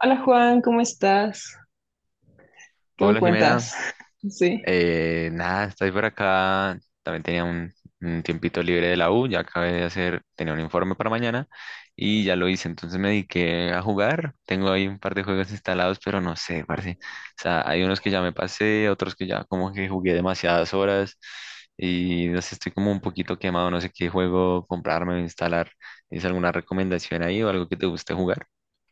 Hola, Juan, ¿cómo estás? ¿Qué me Hola Jimena. cuentas? Sí. Nada, estoy por acá. También tenía un tiempito libre de la U, ya acabé de hacer, tenía un informe para mañana y ya lo hice. Entonces me dediqué a jugar. Tengo ahí un par de juegos instalados, pero no sé, parce. O sea, hay unos que ya me pasé, otros que ya como que jugué demasiadas horas y no sé, estoy como un poquito quemado. No sé qué juego comprarme o instalar. ¿Tienes alguna recomendación ahí o algo que te guste jugar?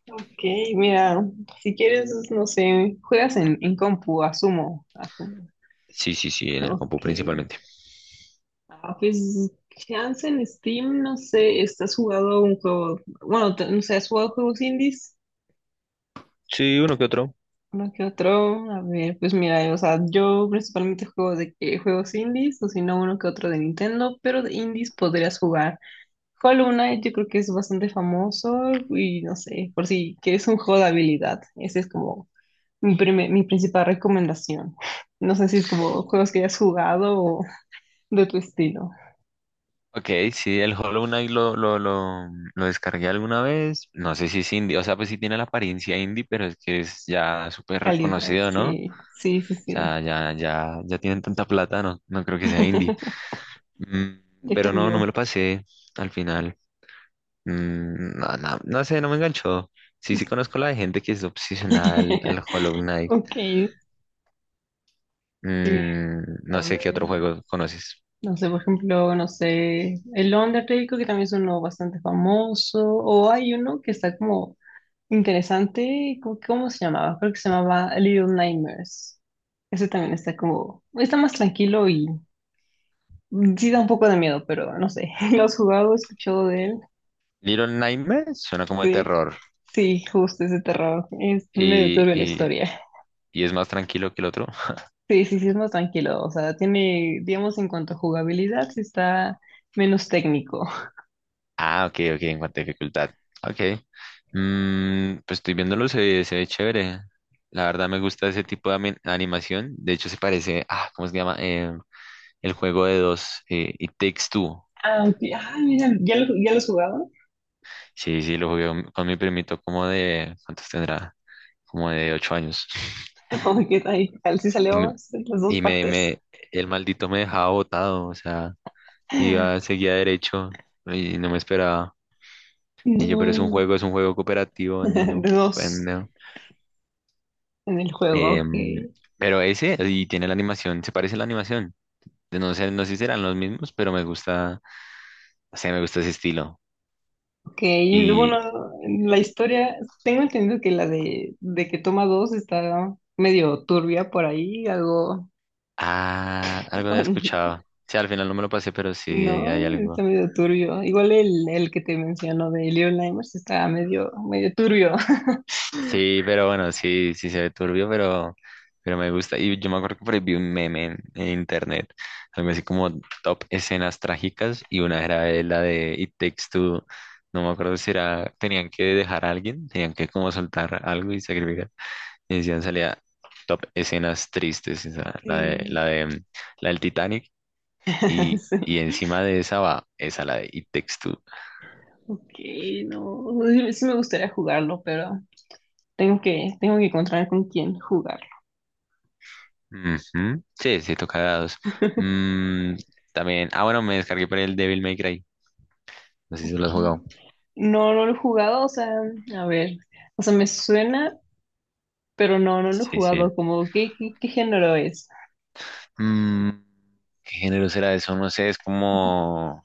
Ok, mira, si quieres, no sé, juegas en compu, asumo, asumo. Sí, sí, sí, en el compu Ok. principalmente. Ah, pues, chance en Steam, no sé, ¿estás jugando un juego? Bueno, no sé, ¿has jugado juegos indies? Sí, uno que otro. Uno que otro, a ver, pues mira, o sea, yo principalmente juego de que juegos indies, o si no, uno que otro de Nintendo, pero de indies podrías jugar. Hollow Knight yo creo que es bastante famoso y no sé, por si que es un juego de habilidad. Ese es como mi, mi principal recomendación. No sé si es como juegos que hayas jugado o de tu estilo. Ok, sí, el Hollow Knight lo descargué alguna vez. No sé si es indie, o sea, pues sí tiene la apariencia indie, pero es que es ya súper Calidad, reconocido, ¿no? O sí, sí, sí, sí. sea, ya tienen tanta plata, no, no creo que sea indie. Mm, Ya pero no, no me cambió. lo pasé al final. Mm, no, no, no sé, no me enganchó. Sí, sí conozco la de gente que es obsesionada al Hollow Knight. Ok, sí, Mm, no a sé qué ver. otro juego conoces. No sé, por ejemplo, no sé, el Undertale creo que también es uno bastante famoso. O hay uno que está como interesante. ¿Cómo, cómo se llamaba? Creo que se llamaba Little Nightmares. Ese también está como, está más tranquilo y sí da un poco de miedo, pero no sé. ¿Lo has jugado? ¿Has escuchado de él? Little Nightmares suena como de Sí, terror sí, justo ese terror. Es medio y, turbio la y, historia. y es más tranquilo que el otro. Sí, sí, sí, es más tranquilo. O sea, tiene, digamos, en cuanto a jugabilidad, sí está menos técnico. Ah, ok, ok, en cuanto a dificultad. Ok. Mm, pues estoy viéndolo, se ve chévere. La verdad me gusta ese tipo de animación. De hecho, se parece, ¿cómo se llama? El juego de dos, It Takes Two. Ah, ok. Ah, mira, ya lo has jugado? Sí, sí, lo jugué con mi primito como de, ¿cuántos tendrá? Como de 8 años. Oh, ¿qué tal? ¿Qué tal? ¿Sí Y salió me, las dos y me, partes? me, el maldito me dejaba botado, o sea, iba, seguía derecho y no me esperaba. Y yo, pero es un juego, No. es un juego cooperativo, niño. De dos. En el juego, Em, que pero ese, y tiene la animación, se parece a la animación. De No sé, no sé si serán los mismos, pero me gusta, o sea, me gusta ese estilo. y Y, bueno la historia, tengo entendido que la de que toma dos está medio turbia por ahí, algo, algo había escuchado. Sí, al final no me lo pasé, pero sí, hay no, está algo. medio turbio. Igual el que te menciono de Leon Limers está medio, medio turbio. Sí, pero bueno, sí, sí se ve turbio, pero me gusta. Y yo me acuerdo que por ahí vi un meme en internet, algo así como top escenas trágicas, y una era de la de It Takes Two, no me acuerdo si era, tenían que dejar a alguien, tenían que como soltar algo y sacrificar. Y decían salía top escenas tristes, esa, Sí, la del Titanic, y, sí. y encima de esa va esa, la de It Takes Two. Ok, no, sí, sí me gustaría jugarlo, pero tengo que encontrar con quién jugarlo. Ujú. Sí, sí, toca dados. Mm, también, bueno, me descargué por el Devil May Cry. No sé si se lo Ok. has jugado. No, no lo he jugado, o sea, a ver, o sea, me suena, pero no, no lo he Sí, sí. jugado. Como, ¿qué, qué, qué género es? Mm, ¿qué género será eso? No sé, es como,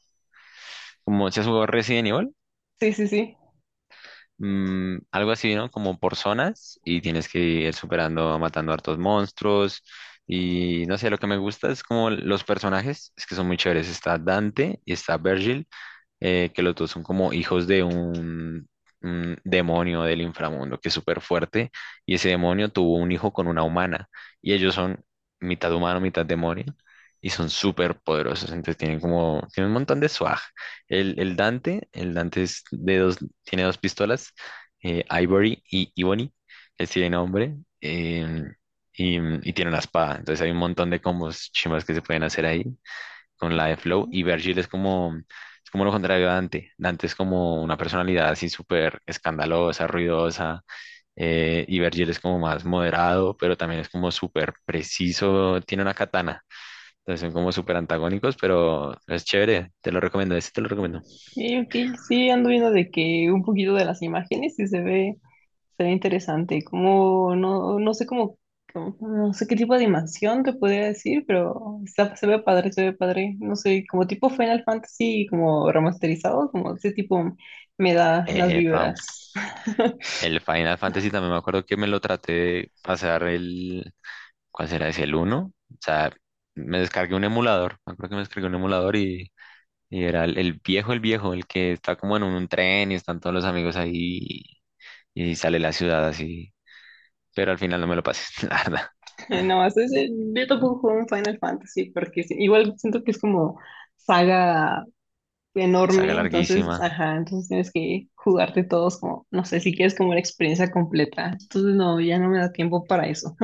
como, ¿se has jugado Resident Evil? Sí, sí, sí. Algo así, ¿no? Como por zonas y tienes que ir superando, matando hartos monstruos y no sé, lo que me gusta es como los personajes, es que son muy chéveres, está Dante y está Virgil, que los dos son como hijos de un demonio del inframundo que es súper fuerte, y ese demonio tuvo un hijo con una humana, y ellos son mitad humano, mitad demonio, y son súper poderosos, entonces tienen un montón de swag. El Dante es de dos, tiene dos pistolas, Ivory y Ebony, él sí tiene nombre, y tiene una espada, entonces hay un montón de combos chimas que se pueden hacer ahí, con la de Ok, Flow. Y Virgil es como lo contrario a Dante. Dante es como una personalidad así súper escandalosa, ruidosa. Y Virgil es como más moderado, pero también es como súper preciso. Tiene una katana. Entonces son como súper antagónicos, pero es chévere. Te lo recomiendo. Ese te lo recomiendo. ok, sí, ando viendo de que un poquito de las imágenes y se ve interesante. Como, no, no sé cómo, no sé qué tipo de animación te podría decir, pero está, se ve padre, se ve padre. No sé, como tipo Final Fantasy, como remasterizado, como ese tipo me da las Pam. vibras. El Final Fantasy también me acuerdo que me lo traté de pasar el. ¿Cuál será ese? El uno. O sea, me descargué un emulador. Me acuerdo que me descargué un emulador Y era el viejo, el que está como en un tren y están todos los amigos ahí y sale la ciudad así. Pero al final no me lo pasé, la verdad. No, yo tampoco juego un Final Fantasy porque sí, igual siento que es como saga Saga enorme, larguísima. entonces, ajá, entonces tienes que jugarte todos como, no sé, si quieres como una experiencia completa. Entonces, no, ya no me da tiempo para eso.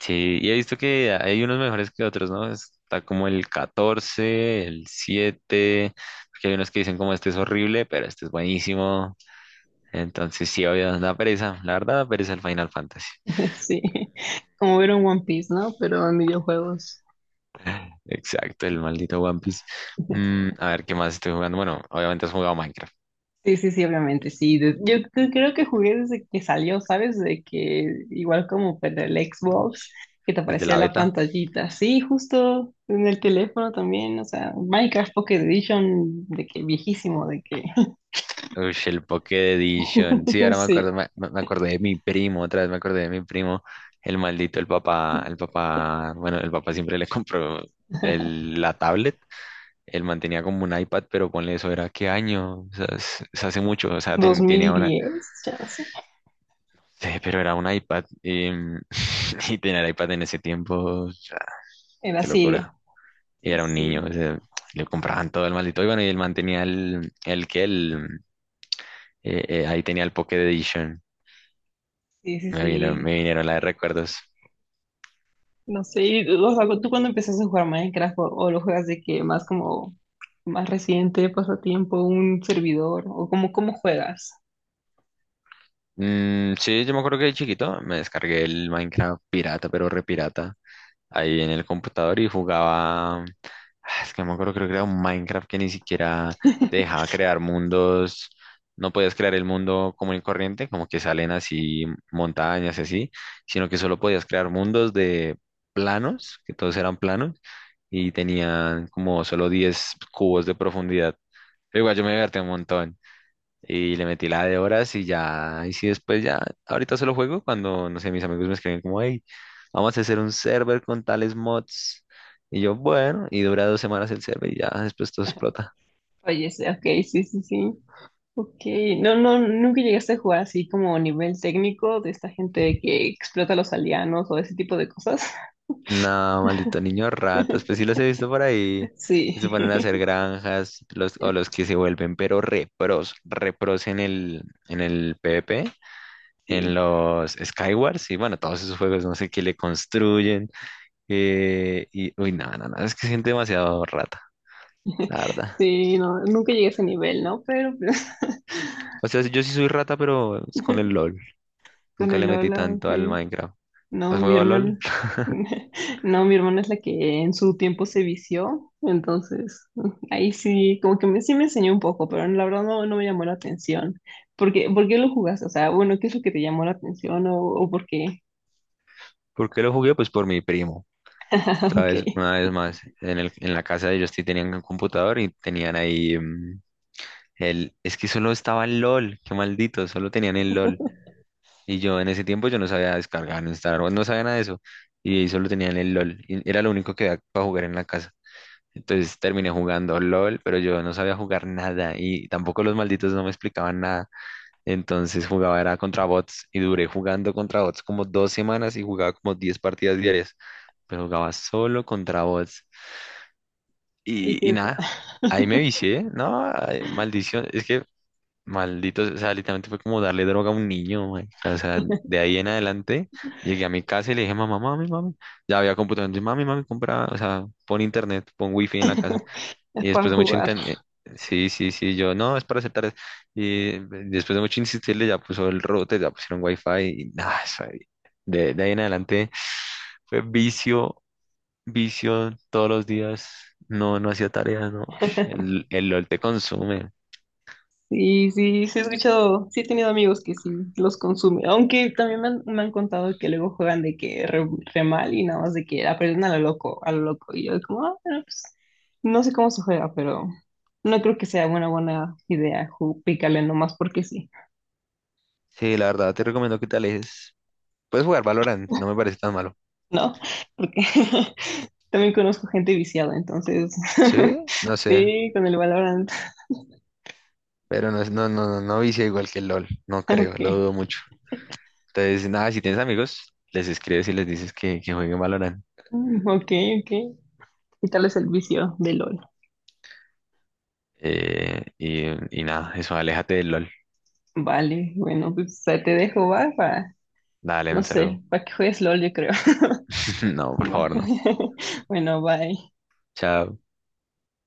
Sí, y he visto que hay unos mejores que otros, ¿no? Está como el 14, el siete, porque hay unos que dicen como este es horrible, pero este es buenísimo. Entonces sí, obvio, da pereza, la verdad da pereza el Final Fantasy. Sí, como ver un One Piece, ¿no? Pero en videojuegos. Exacto, el maldito One Piece. A ver, ¿qué más estoy jugando? Bueno, obviamente has jugado Minecraft. Sí, sí, sí, obviamente, sí. Yo creo que jugué desde que salió, ¿sabes? De que igual como para el Xbox, Ish. que te Desde aparecía la la beta. pantallita. Sí, justo en el teléfono también, o sea, Minecraft Pocket Edition, de que viejísimo, de que... Ush, el Pocket Edition. Sí, ahora me Sí. acuerdo, me acordé de mi primo, otra vez me acordé de mi primo. El maldito, bueno, el papá siempre le compró la tablet. Él mantenía como un iPad, pero ponle eso, ¿era qué año? O sea, es hace mucho, o sea, dos mil tenía una, diez ya. sí, pero era un iPad. Y tener iPad en ese tiempo, o sea, Era qué así. locura. Y Sí, era un sí, niño, o sea, le compraban todo el maldito. Y bueno, y él mantenía ahí tenía el Pocket Edition. sí, sí, Me vinieron, sí. me vinieron la de recuerdos. No sé, y, o sea, tú cuando empezaste a jugar Minecraft o lo juegas de que más como más reciente, pasatiempo, un servidor o como cómo juegas. Mm, sí, yo me acuerdo que de chiquito me descargué el Minecraft pirata, pero re pirata, ahí en el computador y jugaba. Ah, es que no me acuerdo, creo que era un Minecraft que ni siquiera te dejaba crear mundos. No podías crear el mundo común y corriente, como que salen así montañas y así, sino que solo podías crear mundos de planos, que todos eran planos y tenían como solo 10 cubos de profundidad. Pero igual yo me divertí un montón y le metí la de horas y ya, y si después ya, ahorita solo juego cuando, no sé, mis amigos me escriben como, hey, vamos a hacer un server con tales mods. Y yo, bueno, y dura 2 semanas el server y ya, después todo explota. Oye, sí, ok, sí, sí, sí. Ok, no, no, nunca llegaste a jugar así como nivel técnico de esta gente que explota a los aldeanos o ese tipo de cosas. No, maldito niño ratas, pues sí los he visto por ahí. Sí, Y se ponen a hacer granjas, los, o los que se vuelven, pero repros en el PvP, en sí, los Skywars, y bueno, todos esos juegos, no sé qué le construyen. Nada nada no, es que gente demasiado rata, la verdad. sí, no, nunca llegué a ese nivel, ¿no? Pero O sea, yo sí soy rata, pero es con el LOL. con Nunca el le metí Lola, tanto ok. al Minecraft. No, ¿Has mi jugado al hermana. LOL? No, mi hermana es la que en su tiempo se vició, entonces ahí sí, como que me, sí me enseñó un poco, pero la verdad no, no me llamó la atención. Por qué lo jugaste? O sea, bueno, ¿qué es lo que te llamó la atención o por qué? ¿Por qué lo jugué? Pues por mi primo. Ah, Otra ok, vez, una vez más, en la casa de ellos sí tenían un computador y tenían ahí Es que solo estaba el LOL, qué maldito, solo tenían el LOL. Y yo en ese tiempo yo no sabía descargar, no instalar, no sabía nada de eso. Y solo tenían el LOL. Y era lo único que había para jugar en la casa. Entonces terminé jugando LOL, pero yo no sabía jugar nada y tampoco los malditos no me explicaban nada. Entonces jugaba era contra bots y duré jugando contra bots como 2 semanas y jugaba como 10 partidas diarias, pero jugaba solo contra bots. ¿y Y qué nada, tal? ahí me vicié, ¿no? Ay, maldición, es que malditos, o sea, literalmente fue como darle droga a un niño, marica. O sea, de ahí en adelante llegué a mi casa y le dije, mamá, mami, mami, ya había computador, entonces, mami, mami, compra, o sea, pon internet, pon wifi en la casa. Es Y para después de mucho jugar. intentar, sí, sí, sí, yo, no, es para hacer tareas. Y después de mucho insistirle, ya puso el router, ya pusieron wifi y nada, eso ahí. De ahí en adelante fue vicio, vicio todos los días. No, no hacía tareas, no. El LOL te consume. Sí, sí, sí he escuchado, sí he tenido amigos que sí los consumen, aunque también me han contado que luego juegan de que re, re mal y nada más de que aprenden a lo loco, y yo como, ah, bueno, pues, no sé cómo se juega, pero no creo que sea una buena idea picarle nomás porque sí, Sí, la verdad, te recomiendo que te alejes. Puedes jugar Valorant, no me parece tan malo. ¿no? Porque también conozco gente viciada, entonces, Sí, no sé, sí, con el Valorant, pero no, no vicia igual que el LOL, no creo, ok, lo dudo mucho. Entonces, nada, si tienes amigos, les escribes y les dices que, jueguen Valorant. mm, ok, ok, quitarles el vicio de LOL. Y nada, eso, aléjate del LOL. Vale, bueno, pues te dejo, va, para Dale, no un saludo. sé, para que juegues LOL, yo creo. No, por Vale. favor, no. Bueno, bye. Chao.